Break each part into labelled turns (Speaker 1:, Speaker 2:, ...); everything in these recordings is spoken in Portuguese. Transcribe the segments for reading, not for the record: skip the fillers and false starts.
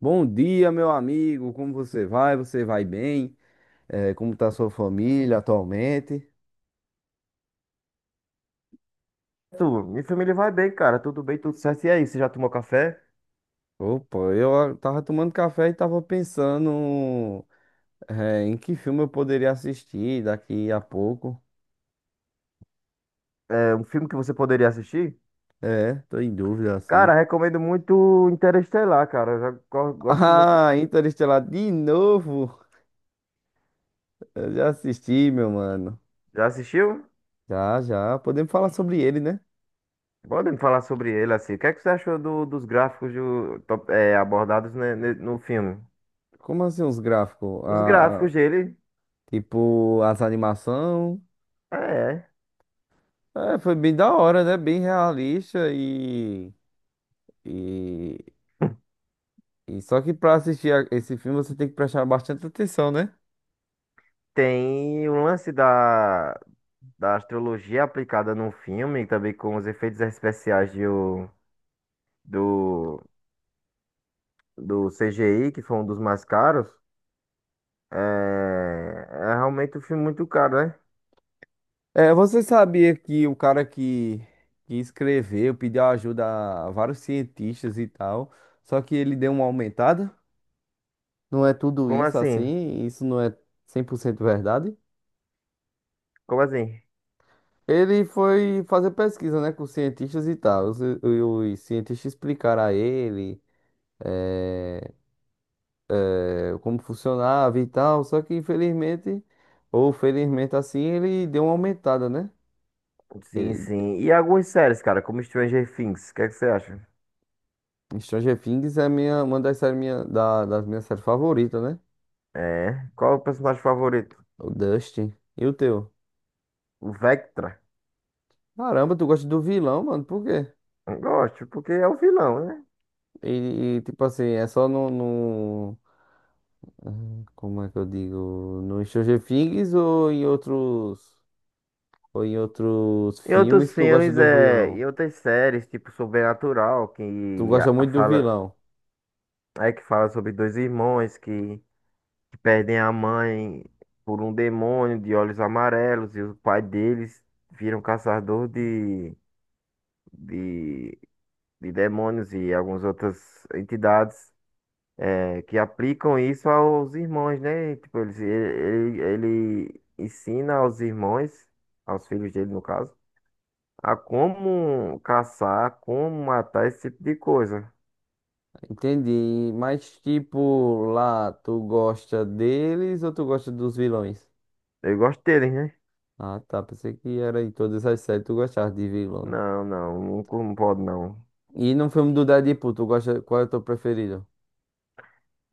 Speaker 1: Bom dia, meu amigo. Como você vai? Você vai bem? Como está sua família atualmente?
Speaker 2: Minha família vai bem, cara. Tudo bem, tudo certo. E aí, você já tomou café?
Speaker 1: Opa, eu tava tomando café e tava pensando, em que filme eu poderia assistir daqui a pouco.
Speaker 2: É um filme que você poderia assistir?
Speaker 1: É, tô em dúvida assim.
Speaker 2: Cara, recomendo muito Interestelar, cara. Eu já gosto muito.
Speaker 1: Ah, Interestelar de novo. Eu já assisti, meu mano.
Speaker 2: Já assistiu?
Speaker 1: Já, já. Podemos falar sobre ele, né?
Speaker 2: Podem falar sobre ele, assim. O que é que você achou dos gráficos abordados, né, no filme?
Speaker 1: Como assim os gráficos?
Speaker 2: Os gráficos dele,
Speaker 1: Tipo, as animações.
Speaker 2: é.
Speaker 1: É, foi bem da hora, né? Bem realista e e só que pra assistir esse filme você tem que prestar bastante atenção, né?
Speaker 2: Tem o lance da astrologia aplicada no filme, também com os efeitos especiais do, do CGI, que foi um dos mais caros. É, é realmente um filme muito caro, né?
Speaker 1: É, você sabia que que escreveu pediu ajuda a vários cientistas e tal, só que ele deu uma aumentada? Não é tudo
Speaker 2: Como
Speaker 1: isso
Speaker 2: assim?
Speaker 1: assim, isso não é 100% verdade.
Speaker 2: Como assim?
Speaker 1: Ele foi fazer pesquisa, né, com cientistas e tal. Os cientistas explicaram a ele eh, como funcionava e tal. Só que infelizmente, ou felizmente assim, ele deu uma aumentada, né?
Speaker 2: Sim, sim. E algumas séries, cara, como Stranger Things, o que é que você acha?
Speaker 1: Stranger Things é uma das séries das minhas séries favoritas, né?
Speaker 2: É. Qual é o personagem favorito?
Speaker 1: O Dustin. E o teu?
Speaker 2: O Vectra?
Speaker 1: Caramba, tu gosta do vilão, mano, por quê?
Speaker 2: Eu gosto, porque é o vilão, né?
Speaker 1: Tipo assim, é só no. Como é que eu digo? No Stranger Things ou em outros. Ou em outros
Speaker 2: E outros
Speaker 1: filmes tu gosta
Speaker 2: filmes,
Speaker 1: do vilão?
Speaker 2: e outras séries, tipo Sobrenatural,
Speaker 1: Tu
Speaker 2: que
Speaker 1: gosta
Speaker 2: a
Speaker 1: muito do
Speaker 2: fala,
Speaker 1: vilão.
Speaker 2: é que fala sobre dois irmãos que perdem a mãe por um demônio de olhos amarelos e o pai deles viram caçador de de demônios e algumas outras entidades, que aplicam isso aos irmãos, né? Tipo, ele ensina aos irmãos, aos filhos dele, no caso, a como caçar, como matar esse tipo de coisa.
Speaker 1: Entendi. Mas, tipo, lá, tu gosta deles ou tu gosta dos vilões?
Speaker 2: Eu gosto deles, né?
Speaker 1: Ah, tá. Pensei que era em todas as séries tu gostava de vilão.
Speaker 2: Não, não, não, não pode não.
Speaker 1: E no filme do Deadpool, tu gosta, qual é o teu preferido?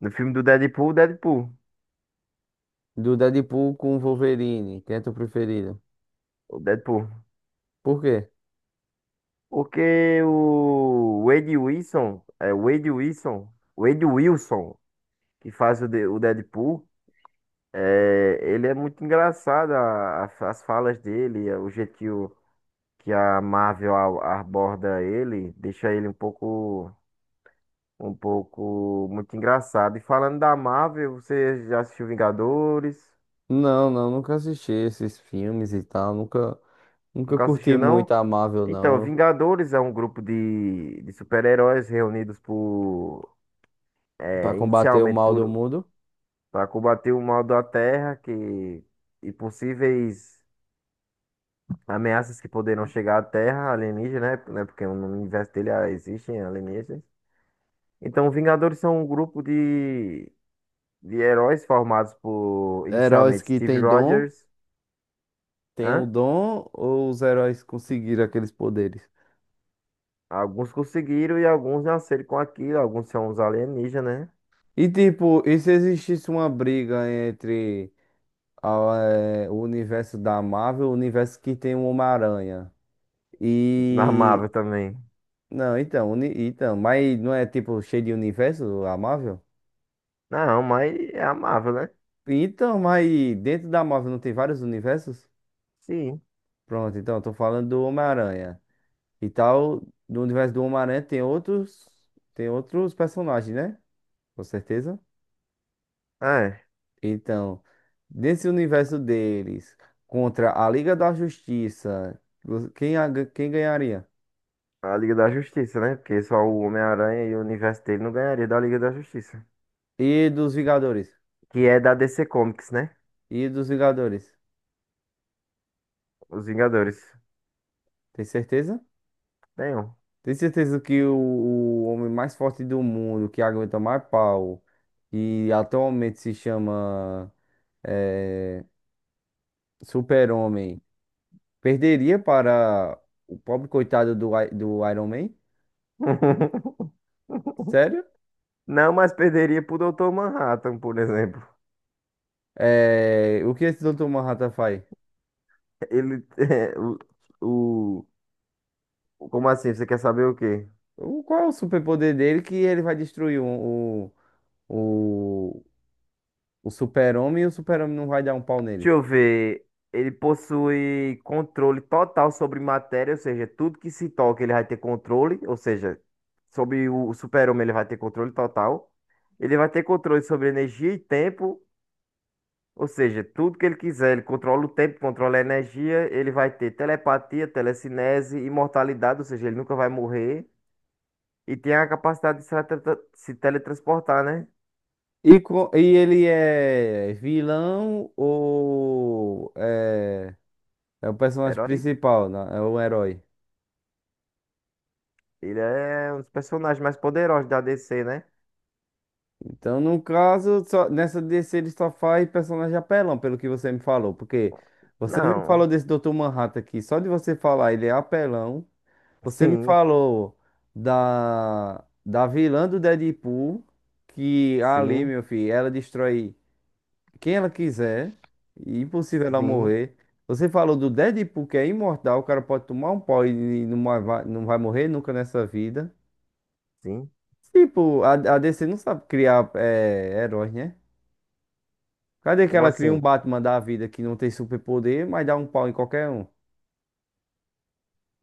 Speaker 2: No filme do Deadpool, Deadpool.
Speaker 1: Do Deadpool com o Wolverine, quem é teu preferido?
Speaker 2: O Deadpool.
Speaker 1: Por quê?
Speaker 2: Porque o Wade Wilson, é Wade Wilson, que faz o Deadpool. Ele é muito engraçado, as falas dele, o jeito que a Marvel aborda ele, deixa ele um pouco muito engraçado. E falando da Marvel, você já assistiu Vingadores?
Speaker 1: Não, não, nunca assisti esses filmes e tal, nunca, nunca
Speaker 2: Nunca
Speaker 1: curti
Speaker 2: assistiu,
Speaker 1: muito
Speaker 2: não?
Speaker 1: a Marvel,
Speaker 2: Então,
Speaker 1: não.
Speaker 2: Vingadores é um grupo de super-heróis reunidos por,
Speaker 1: Pra
Speaker 2: é,
Speaker 1: combater o
Speaker 2: inicialmente
Speaker 1: mal do
Speaker 2: por,
Speaker 1: mundo.
Speaker 2: para combater o mal da Terra, que e possíveis. Ameaças que poderão chegar à Terra, alienígena, né, porque no universo dele existem alienígenas. Então, Vingadores são um grupo de heróis formados por,
Speaker 1: Heróis
Speaker 2: inicialmente,
Speaker 1: que
Speaker 2: Steve
Speaker 1: têm dom,
Speaker 2: Rogers.
Speaker 1: têm o
Speaker 2: Hã?
Speaker 1: dom ou os heróis conseguiram aqueles poderes?
Speaker 2: Alguns conseguiram e alguns nasceram com aquilo. Alguns são os alienígenas, né?
Speaker 1: E tipo, e se existisse uma briga entre a, o universo da Marvel, o universo que tem o Homem-Aranha?
Speaker 2: Na
Speaker 1: E.
Speaker 2: Marvel também.
Speaker 1: Não, então, então, mas não é tipo cheio de universo a Marvel?
Speaker 2: Não, mas é a Marvel, né?
Speaker 1: Então, mas dentro da Marvel não tem vários universos?
Speaker 2: Sim.
Speaker 1: Pronto, então, eu tô falando do Homem-Aranha. E tal, do universo do Homem-Aranha tem outros. Tem outros personagens, né? Com certeza.
Speaker 2: É.
Speaker 1: Então, nesse universo deles, contra a Liga da Justiça, quem ganharia?
Speaker 2: A Liga da Justiça, né? Porque só o Homem-Aranha e o universo dele não ganharia da Liga da Justiça.
Speaker 1: E dos Vingadores?
Speaker 2: Que é da DC Comics, né?
Speaker 1: E dos Vingadores?
Speaker 2: Os Vingadores.
Speaker 1: Tem certeza?
Speaker 2: Tem um.
Speaker 1: Tem certeza que o homem mais forte do mundo, que aguenta mais pau, e atualmente se chama eh, Super-Homem, perderia para o pobre coitado do Iron Man? Sério?
Speaker 2: Não, mas perderia pro Dr. Manhattan, por exemplo.
Speaker 1: Eh, o que esse doutor Manhattan faz?
Speaker 2: Ele é, o- o- Como assim? Você quer saber o quê?
Speaker 1: O, qual é o superpoder dele que ele vai destruir o, o, o super-homem e o super-homem não vai dar um pau
Speaker 2: Deixa
Speaker 1: nele?
Speaker 2: eu ver. Ele possui controle total sobre matéria, ou seja, tudo que se toca ele vai ter controle, ou seja, sobre o super-homem ele vai ter controle total. Ele vai ter controle sobre energia e tempo, ou seja, tudo que ele quiser, ele controla o tempo, controla a energia, ele vai ter telepatia, telecinese, imortalidade, ou seja, ele nunca vai morrer. E tem a capacidade de se teletransportar, né?
Speaker 1: E ele é vilão ou é, é o personagem
Speaker 2: Herói,
Speaker 1: principal, né? É o herói.
Speaker 2: ele é um dos personagens mais poderosos da DC, né?
Speaker 1: Então, no caso, só, nessa DC ele só faz personagem apelão, pelo que você me falou. Porque você me
Speaker 2: Não.
Speaker 1: falou desse doutor Manhattan aqui, só de você falar ele é apelão. Você me
Speaker 2: Sim,
Speaker 1: falou da vilã do Deadpool, que ali,
Speaker 2: sim,
Speaker 1: meu filho, ela destrói quem ela quiser, e impossível ela
Speaker 2: sim,
Speaker 1: morrer. Você falou do Deadpool, que é imortal, o cara pode tomar um pau e não vai, não vai morrer nunca nessa vida.
Speaker 2: sim.
Speaker 1: Tipo, a DC não sabe criar é, heróis, né? Cadê que
Speaker 2: Como
Speaker 1: ela cria um
Speaker 2: assim?
Speaker 1: Batman da vida que não tem superpoder, mas dá um pau em qualquer um?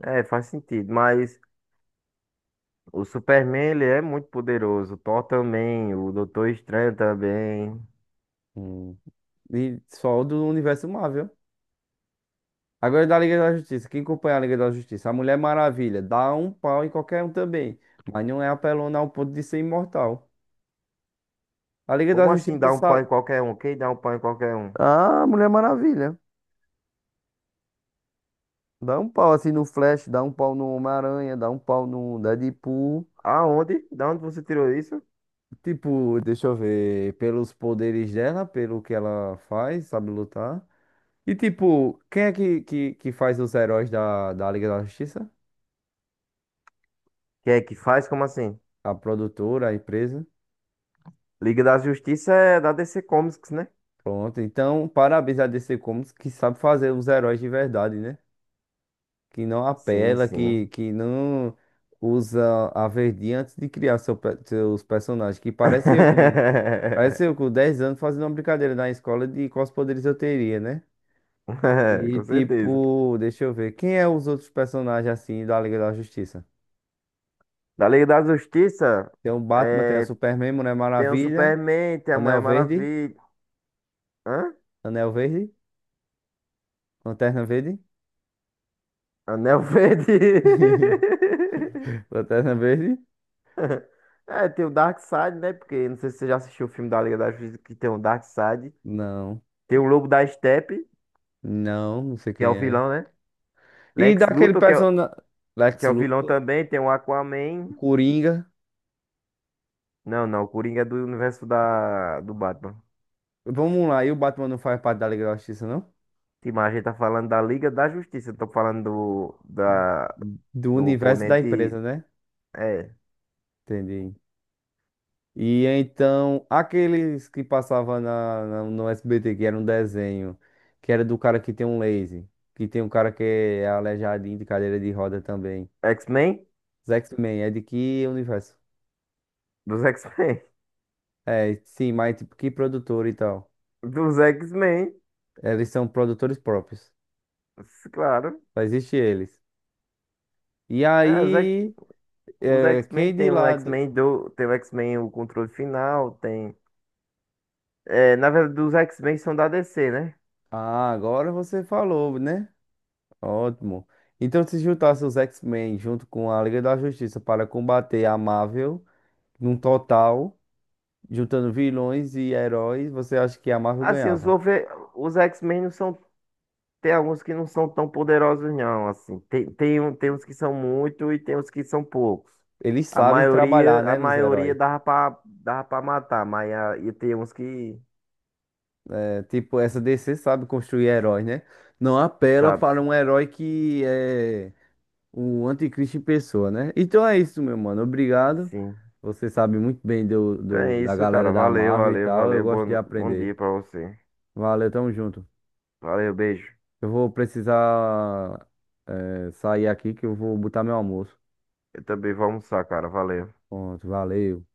Speaker 2: Faz sentido, mas o Superman, ele é muito poderoso. O Thor também, o Doutor Estranho também.
Speaker 1: Hum. E só do universo Marvel. Agora da Liga da Justiça. Quem acompanha a Liga da Justiça? A Mulher Maravilha. Dá um pau em qualquer um também. Mas não é apelona ao ponto de ser imortal. A Liga da
Speaker 2: Como assim
Speaker 1: Justiça
Speaker 2: dá um pau
Speaker 1: sabe.
Speaker 2: em qualquer um? Quem dá um pau em qualquer um?
Speaker 1: Ah, Mulher Maravilha. Dá um pau assim no Flash, dá um pau no Homem-Aranha, dá um pau no Deadpool.
Speaker 2: Aonde? Da onde você tirou isso?
Speaker 1: Tipo, deixa eu ver, pelos poderes dela, pelo que ela faz, sabe lutar. E tipo, quem é que faz os heróis da Liga da Justiça?
Speaker 2: Quem é que faz? Como assim?
Speaker 1: A produtora, a empresa?
Speaker 2: Liga da Justiça é da DC Comics, né?
Speaker 1: Pronto, então parabéns a DC Comics que sabe fazer os heróis de verdade, né? Que não
Speaker 2: Sim,
Speaker 1: apela,
Speaker 2: sim.
Speaker 1: que não usa a verdinha antes de criar seus personagens. Que parece eu com 10 anos fazendo uma brincadeira na escola de quais poderes eu teria, né? E
Speaker 2: Com certeza.
Speaker 1: tipo, deixa eu ver, quem é os outros personagens assim da Liga da Justiça?
Speaker 2: Da Liga da Justiça,
Speaker 1: Tem o Batman, tem o
Speaker 2: é,
Speaker 1: Superman, Mulher
Speaker 2: tem o
Speaker 1: Maravilha,
Speaker 2: Superman, tem a Mulher
Speaker 1: Anel Verde,
Speaker 2: Maravilha. Hã?
Speaker 1: Anel Verde, Lanterna Verde,
Speaker 2: Anel Verde.
Speaker 1: Lanterna Verde?
Speaker 2: É, tem o Darkseid, né? Porque não sei se você já assistiu o filme da Liga da Justiça que tem o Darkseid.
Speaker 1: Não.
Speaker 2: Tem o Lobo da Estepe,
Speaker 1: Não, não sei
Speaker 2: que é o
Speaker 1: quem é.
Speaker 2: vilão, né?
Speaker 1: E
Speaker 2: Lex
Speaker 1: daquele
Speaker 2: Luthor,
Speaker 1: personagem.
Speaker 2: que
Speaker 1: Lex
Speaker 2: é o vilão
Speaker 1: Luthor,
Speaker 2: também. Tem o Aquaman.
Speaker 1: Coringa.
Speaker 2: Não, não, o Coringa é do universo do Batman.
Speaker 1: Vamos lá, e o Batman não faz parte da Liga da Justiça, não?
Speaker 2: Sim, mas a gente tá falando da Liga da Justiça. Não tô falando do, da,
Speaker 1: Do
Speaker 2: Do
Speaker 1: universo da empresa,
Speaker 2: oponente.
Speaker 1: né?
Speaker 2: É.
Speaker 1: Entendi. E então, aqueles que passavam no SBT, que era um desenho, que era do cara que tem um laser, que tem um cara que é aleijadinho de cadeira de roda também.
Speaker 2: X-Men?
Speaker 1: Os X-Men, é de que universo?
Speaker 2: Dos X-Men.
Speaker 1: É, sim, mas tipo, que produtor e tal?
Speaker 2: Dos X-Men.
Speaker 1: Eles são produtores próprios.
Speaker 2: Claro.
Speaker 1: Só existe eles. E
Speaker 2: É, os X-
Speaker 1: aí.
Speaker 2: os
Speaker 1: É,
Speaker 2: X-Men
Speaker 1: quem de
Speaker 2: tem o
Speaker 1: lado.
Speaker 2: X-Men do. Tem o X-Men o controle final. Tem. Na verdade, os X-Men são da DC, né?
Speaker 1: Ah, agora você falou, né? Ótimo. Então, se juntasse os X-Men junto com a Liga da Justiça para combater a Marvel, num total, juntando vilões e heróis, você acha que a Marvel
Speaker 2: Assim,
Speaker 1: ganhava?
Speaker 2: Os X-Men não são. Tem alguns que não são tão poderosos, não. Assim, tem uns que são muito e tem uns que são poucos.
Speaker 1: Eles
Speaker 2: A
Speaker 1: sabem trabalhar,
Speaker 2: maioria, a
Speaker 1: né, nos
Speaker 2: maioria
Speaker 1: heróis.
Speaker 2: dava pra matar, mas e tem uns que,
Speaker 1: É, tipo, essa DC sabe construir heróis, né? Não apela
Speaker 2: sabe,
Speaker 1: para um herói que é. O anticristo em pessoa, né? Então é isso, meu mano. Obrigado.
Speaker 2: sim.
Speaker 1: Você sabe muito bem
Speaker 2: Então é
Speaker 1: da
Speaker 2: isso,
Speaker 1: galera
Speaker 2: cara.
Speaker 1: da
Speaker 2: Valeu,
Speaker 1: Marvel e
Speaker 2: valeu,
Speaker 1: tal. Eu
Speaker 2: valeu.
Speaker 1: gosto de
Speaker 2: Bom
Speaker 1: aprender.
Speaker 2: dia pra você.
Speaker 1: Valeu, tamo junto.
Speaker 2: Valeu, beijo.
Speaker 1: Eu vou precisar, sair aqui que eu vou botar meu almoço.
Speaker 2: Eu também vou almoçar, cara. Valeu.
Speaker 1: Pronto, valeu.